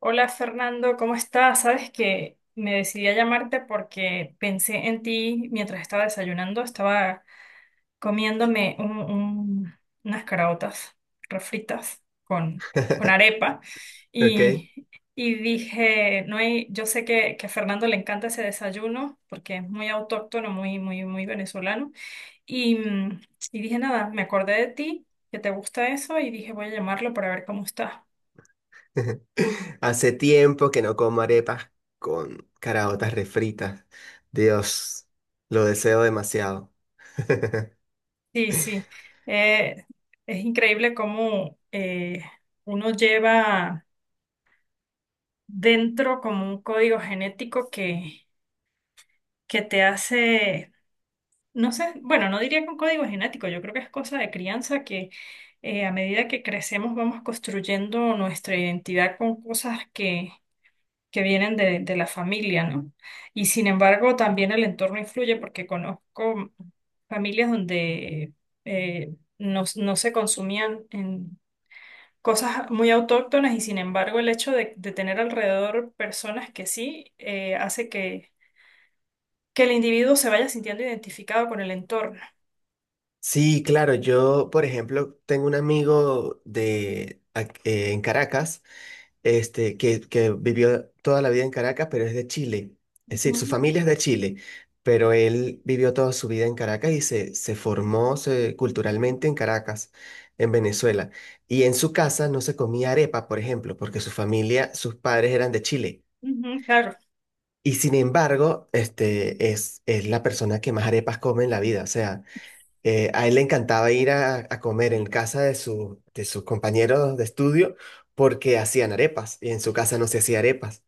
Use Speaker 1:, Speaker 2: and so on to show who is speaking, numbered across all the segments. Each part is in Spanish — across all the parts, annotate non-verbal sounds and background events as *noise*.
Speaker 1: Hola Fernando, ¿cómo estás? Sabes que me decidí a llamarte porque pensé en ti mientras estaba desayunando, estaba comiéndome unas caraotas refritas con
Speaker 2: *laughs*
Speaker 1: arepa
Speaker 2: Ok.
Speaker 1: y, y dije, no hay, yo sé que a Fernando le encanta ese desayuno porque es muy autóctono, muy, muy, muy venezolano y, mm, y dije, nada, me acordé de ti, que te gusta eso y dije, voy a llamarlo para ver cómo estás.
Speaker 2: *laughs* Hace tiempo que no como arepas con caraotas refritas. Dios, lo deseo demasiado. *laughs*
Speaker 1: Sí, sí. Eh, es increíble cómo uno lleva dentro como un código genético que te hace, no sé, bueno, no diría que un código genético, yo creo que es cosa de crianza que a medida que crecemos vamos construyendo nuestra identidad con cosas que vienen de la familia, ¿no? Y sin embargo, también el entorno influye porque conozco familias donde no se consumían en cosas muy autóctonas y sin embargo el hecho de tener alrededor personas que sí hace que el individuo se vaya sintiendo identificado con el entorno.
Speaker 2: Sí, claro, yo, por ejemplo, tengo un amigo en Caracas este, que vivió toda la vida en Caracas, pero es de Chile. Es decir, su
Speaker 1: Ujú.
Speaker 2: familia es de Chile, pero él vivió toda su vida en Caracas y se formó culturalmente en Caracas, en Venezuela. Y en su casa no se comía arepa, por ejemplo, porque su familia, sus padres eran de Chile.
Speaker 1: Ujú, claro.
Speaker 2: Y sin embargo, este es la persona que más arepas come en la vida. O sea, a él le encantaba ir a comer en casa de sus compañeros de estudio porque hacían arepas y en su casa no se hacía arepas.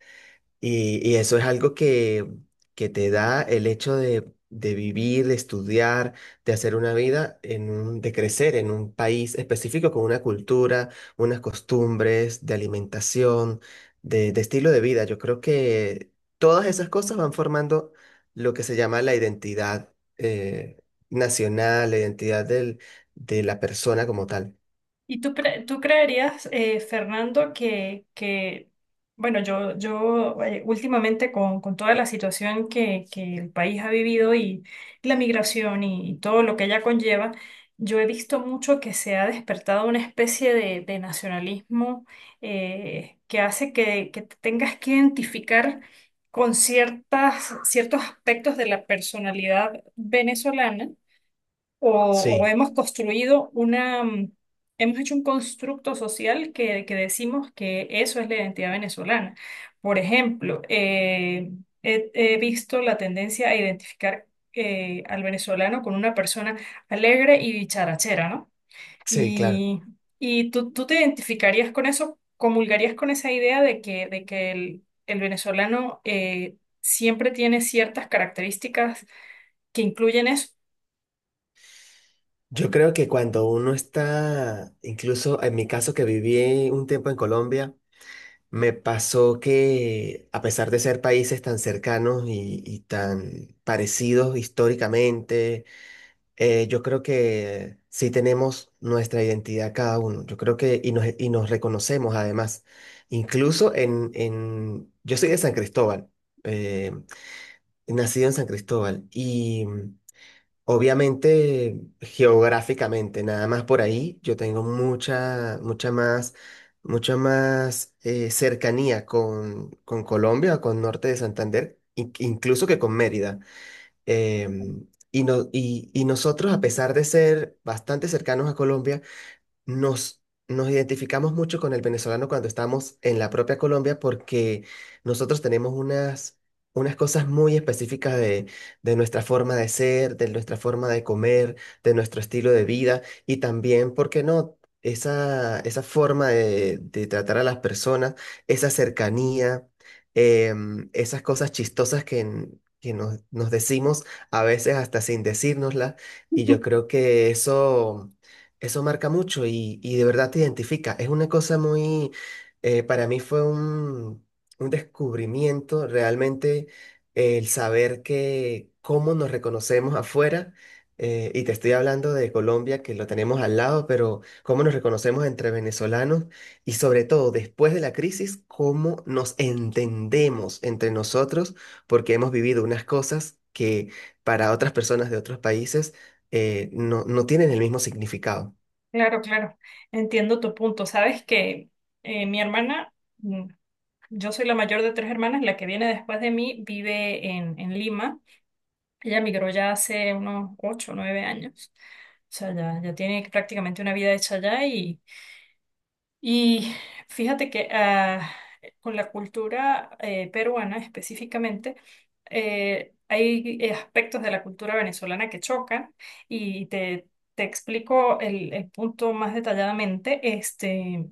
Speaker 2: Y eso es algo que te da el hecho de vivir, de estudiar, de hacer una vida, de crecer en un país específico con una cultura, unas costumbres, de alimentación, de estilo de vida. Yo creo que todas esas cosas van formando lo que se llama la identidad nacional, la identidad de la persona como tal.
Speaker 1: ¿Y tú, tú creerías, Fernando, bueno, yo últimamente con toda la situación que el país ha vivido y la migración y todo lo que ella conlleva, yo he visto mucho que se ha despertado una especie de nacionalismo que hace que te tengas que identificar con ciertos aspectos de la personalidad venezolana o
Speaker 2: Sí,
Speaker 1: hemos construido una, hemos hecho un constructo social que decimos que eso es la identidad venezolana. Por ejemplo, he visto la tendencia a identificar al venezolano con una persona alegre y bicharachera, ¿no?
Speaker 2: sí, claro.
Speaker 1: Y, y tú, tú te identificarías con eso, comulgarías con esa idea de que el venezolano siempre tiene ciertas características que incluyen eso.
Speaker 2: Yo creo que cuando uno está, incluso en mi caso que viví un tiempo en Colombia, me pasó que a pesar de ser países tan cercanos y tan parecidos históricamente, yo creo que sí tenemos nuestra identidad cada uno. Yo creo que y nos reconocemos además. Incluso yo soy de San Cristóbal, eh, nacido en San Cristóbal. Obviamente, geográficamente, nada más por ahí, yo tengo mucha más cercanía con Colombia, con Norte de Santander, incluso que con Mérida. Y nosotros, a pesar de ser bastante cercanos a Colombia, nos, nos identificamos mucho con el venezolano cuando estamos en la propia Colombia porque nosotros tenemos unas cosas muy específicas de nuestra forma de ser, de nuestra forma de comer, de nuestro estilo de vida y también, ¿por qué no? Esa forma de tratar a las personas, esa cercanía, esas cosas chistosas que nos decimos a veces hasta sin decírnoslas y yo
Speaker 1: *laughs*
Speaker 2: creo que eso... Eso marca mucho y de verdad te identifica. Es una cosa muy, para mí fue un descubrimiento realmente el saber que cómo nos reconocemos afuera, y te estoy hablando de Colombia, que lo tenemos al lado, pero cómo nos reconocemos entre venezolanos y sobre todo después de la crisis, cómo nos entendemos entre nosotros, porque hemos vivido unas cosas que para otras personas de otros países no tienen el mismo significado.
Speaker 1: Claro, claro, entiendo tu punto. Sabes que mi hermana, mm, yo soy la mayor de tres hermanas, la que viene después de mí vive en Lima. Ella migró ya hace unos 8 o 9 años. O sea, ya, ya tiene prácticamente una vida hecha allá y fíjate que con la cultura peruana específicamente, hay aspectos de la cultura venezolana que chocan y te explico el punto más detalladamente. Este,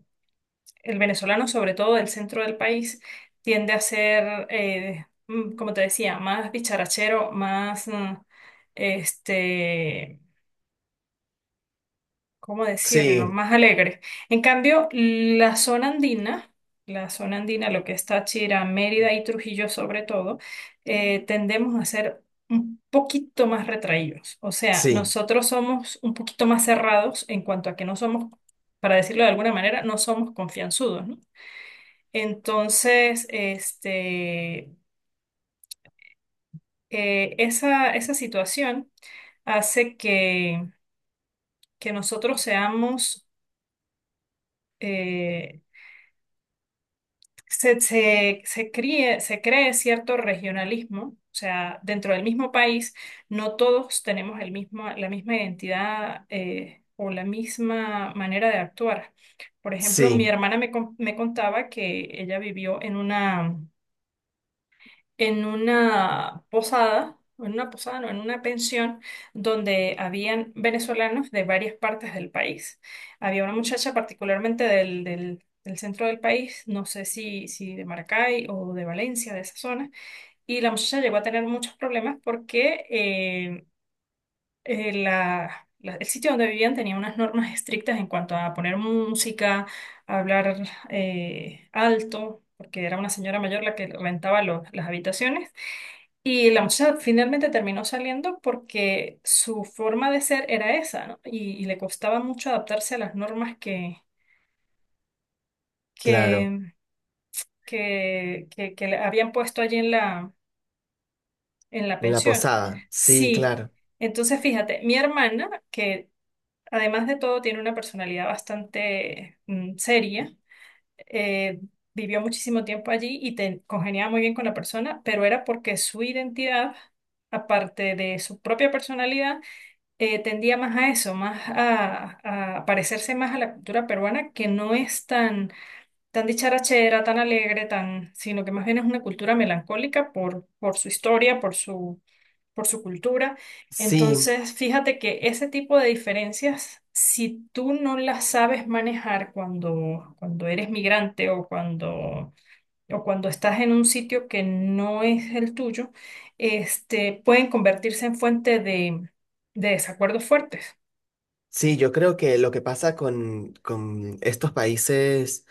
Speaker 1: el venezolano, sobre todo del centro del país, tiende a ser, como te decía, más bicharachero, más... Este, ¿cómo decirlo?,
Speaker 2: Sí,
Speaker 1: más alegre. En cambio, la zona andina, lo que es Táchira, Mérida y Trujillo sobre todo, tendemos a ser un poquito más retraídos. O sea,
Speaker 2: sí,
Speaker 1: nosotros somos un poquito más cerrados en cuanto a que no somos, para decirlo de alguna manera, no somos confianzudos, ¿no? Entonces, este, esa, esa situación hace que nosotros seamos... eh, se se cree cierto regionalismo, o sea, dentro del mismo país, no todos tenemos el mismo, la misma identidad o la misma manera de actuar. Por ejemplo, mi
Speaker 2: sí,
Speaker 1: hermana me, me contaba que ella vivió en una posada, en una posada, no, en una pensión donde habían venezolanos de varias partes del país. Había una muchacha particularmente del, del centro del país, no sé si, si de Maracay o de Valencia, de esa zona, y la muchacha llegó a tener muchos problemas porque el sitio donde vivían tenía unas normas estrictas en cuanto a poner música, a hablar alto, porque era una señora mayor la que rentaba las habitaciones y la muchacha finalmente terminó saliendo porque su forma de ser era esa, ¿no? Y le costaba mucho adaptarse a las normas
Speaker 2: claro.
Speaker 1: que, que le habían puesto allí en la
Speaker 2: En la
Speaker 1: pensión.
Speaker 2: posada, sí,
Speaker 1: Sí,
Speaker 2: claro.
Speaker 1: entonces fíjate, mi hermana, que además de todo tiene una personalidad bastante seria, eh, vivió muchísimo tiempo allí y te, congeniaba muy bien con la persona, pero era porque su identidad, aparte de su propia personalidad, tendía más a eso, más a parecerse más a la cultura peruana, que no es tan, tan dicharachera, tan alegre, tan, sino que más bien es una cultura melancólica por su historia, por su cultura.
Speaker 2: Sí,
Speaker 1: Entonces, fíjate que ese tipo de diferencias, si tú no las sabes manejar cuando, cuando eres migrante o cuando estás en un sitio que no es el tuyo, este, pueden convertirse en fuente de desacuerdos fuertes.
Speaker 2: sí, yo creo que lo que pasa con estos países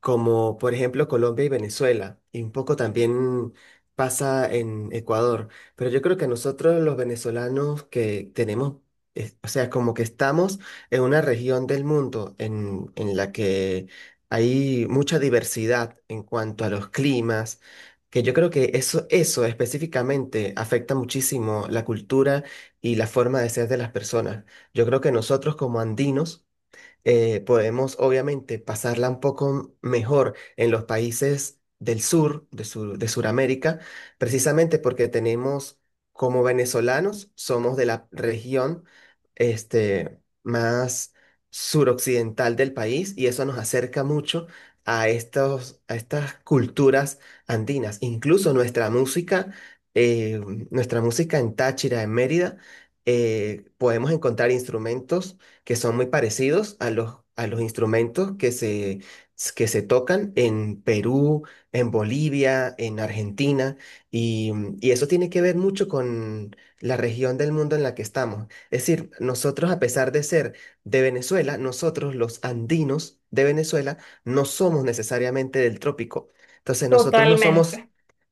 Speaker 2: como por ejemplo Colombia y Venezuela, y un poco también pasa en Ecuador, pero yo creo que nosotros los venezolanos que tenemos, o sea, como que estamos en una región del mundo en la que hay mucha diversidad en cuanto a los climas, que yo creo que eso específicamente afecta muchísimo la cultura y la forma de ser de las personas. Yo creo que nosotros como andinos podemos obviamente pasarla un poco mejor en los países del sur, de Sudamérica, precisamente porque tenemos, como venezolanos, somos de la región este, más suroccidental del país y eso nos acerca mucho a estas culturas andinas. Incluso eh, nuestra música en Táchira, en Mérida, podemos encontrar instrumentos que son muy parecidos a los instrumentos que se tocan en Perú, en Bolivia, en Argentina, y, y eso tiene que ver mucho con la región del mundo en la que estamos. Es decir, nosotros, a pesar de ser de Venezuela, nosotros los andinos de Venezuela no somos necesariamente del trópico. Entonces, nosotros no
Speaker 1: Totalmente,
Speaker 2: somos...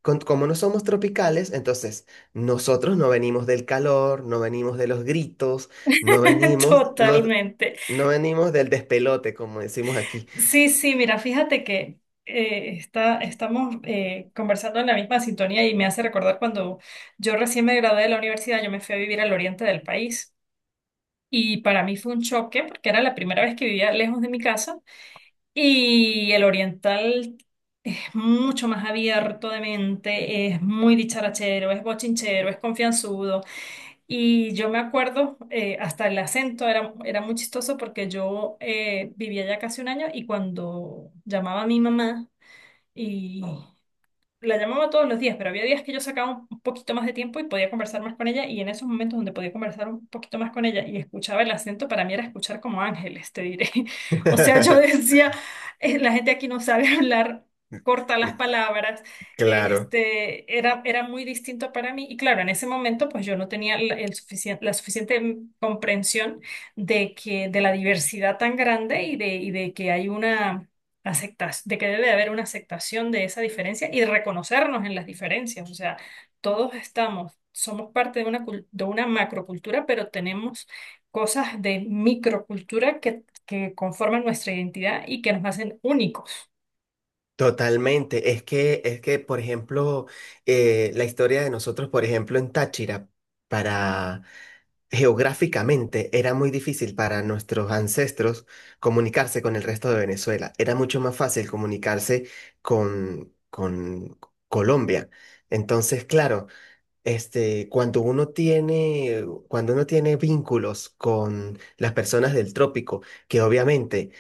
Speaker 2: Como no somos tropicales, entonces nosotros no venimos del calor, no venimos de los gritos, no
Speaker 1: *laughs*
Speaker 2: venimos, no,
Speaker 1: totalmente.
Speaker 2: no venimos del despelote, como decimos aquí.
Speaker 1: Sí, sí, mira, fíjate que estamos conversando en la misma sintonía y me hace recordar cuando yo recién me gradué de la universidad, yo me fui a vivir al oriente del país y para mí fue un choque porque era la primera vez que vivía lejos de mi casa y el oriental es mucho más abierto de mente, es muy dicharachero, es bochinchero, es confianzudo. Y yo me acuerdo, hasta el acento era, era muy chistoso porque yo vivía ya casi un año y cuando llamaba a mi mamá y, la llamaba todos los días, pero había días que yo sacaba un poquito más de tiempo y podía conversar más con ella, y en esos momentos donde podía conversar un poquito más con ella y escuchaba el acento, para mí era escuchar como ángeles, te diré. *laughs* O sea, yo
Speaker 2: *laughs*
Speaker 1: decía, La gente aquí no sabe *laughs* hablar, corta las palabras."
Speaker 2: Claro,
Speaker 1: Este, era, era muy distinto para mí y claro, en ese momento pues yo no tenía la, el la suficiente comprensión de que de la diversidad tan grande y de que hay una de que debe de haber una aceptación de esa diferencia y reconocernos en las diferencias. O sea, todos estamos, somos parte de una, de una macrocultura, pero tenemos cosas de microcultura que conforman nuestra identidad y que nos hacen únicos.
Speaker 2: totalmente. Es que, por ejemplo, la historia de nosotros, por ejemplo, en Táchira, para geográficamente era muy difícil para nuestros ancestros comunicarse con el resto de Venezuela. Era mucho más fácil comunicarse con Colombia. Entonces, claro. Este, cuando uno tiene vínculos con las personas del trópico, que obviamente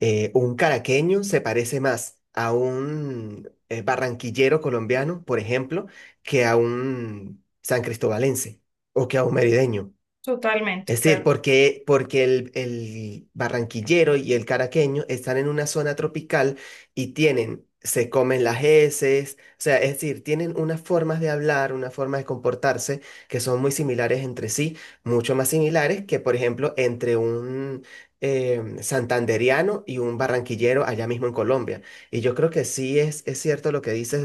Speaker 2: un caraqueño se parece más a un barranquillero colombiano, por ejemplo, que a un san cristobalense o que a un merideño.
Speaker 1: Totalmente,
Speaker 2: Es decir,
Speaker 1: claro.
Speaker 2: porque el barranquillero y el caraqueño están en una zona tropical y tienen, se comen las heces, o sea, es decir, tienen unas formas de hablar, una forma de comportarse que son muy similares entre sí, mucho más similares que, por ejemplo, entre un santanderiano y un barranquillero allá mismo en Colombia. Y yo creo que sí es cierto lo que dices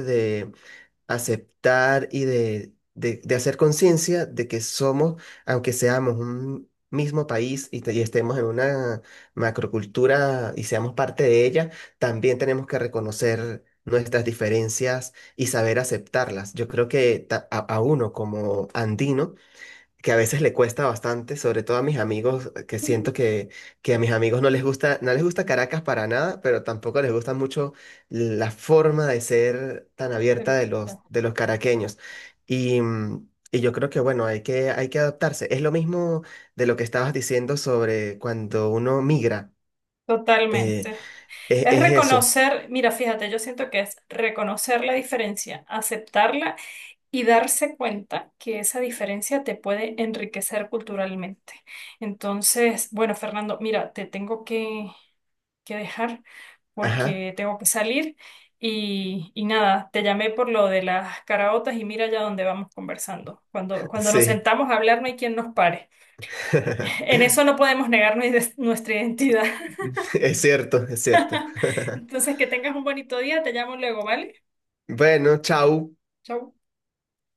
Speaker 2: aceptar y de hacer conciencia de que somos, aunque seamos un mismo país y estemos en una macrocultura y seamos parte de ella, también tenemos que reconocer nuestras diferencias y saber aceptarlas. Yo creo que a uno como andino, que a veces le cuesta bastante, sobre todo a mis amigos, que siento que a mis amigos no les gusta, no les gusta Caracas para nada, pero tampoco les gusta mucho la forma de ser tan abierta
Speaker 1: Pero
Speaker 2: de los caraqueños. Y yo creo que, bueno, hay que adaptarse. Es lo mismo de lo que estabas diciendo sobre cuando uno migra. eh,
Speaker 1: Totalmente.
Speaker 2: es,
Speaker 1: Es
Speaker 2: es eso.
Speaker 1: reconocer, mira, fíjate, yo siento que es reconocer la diferencia, aceptarla y darse cuenta que esa diferencia te puede enriquecer culturalmente. Entonces, bueno, Fernando, mira, te tengo que dejar
Speaker 2: Ajá,
Speaker 1: porque tengo que salir y nada, te llamé por lo de las caraotas y mira ya dónde vamos conversando. Cuando, cuando nos
Speaker 2: sí.
Speaker 1: sentamos a hablar no hay quien nos pare. *laughs*
Speaker 2: *laughs*
Speaker 1: En eso no podemos negar nuestra identidad.
Speaker 2: Es cierto, es cierto.
Speaker 1: *laughs*
Speaker 2: *laughs*
Speaker 1: Entonces, que tengas un bonito día, te llamo luego, ¿vale?
Speaker 2: Bueno, chau.
Speaker 1: Chau.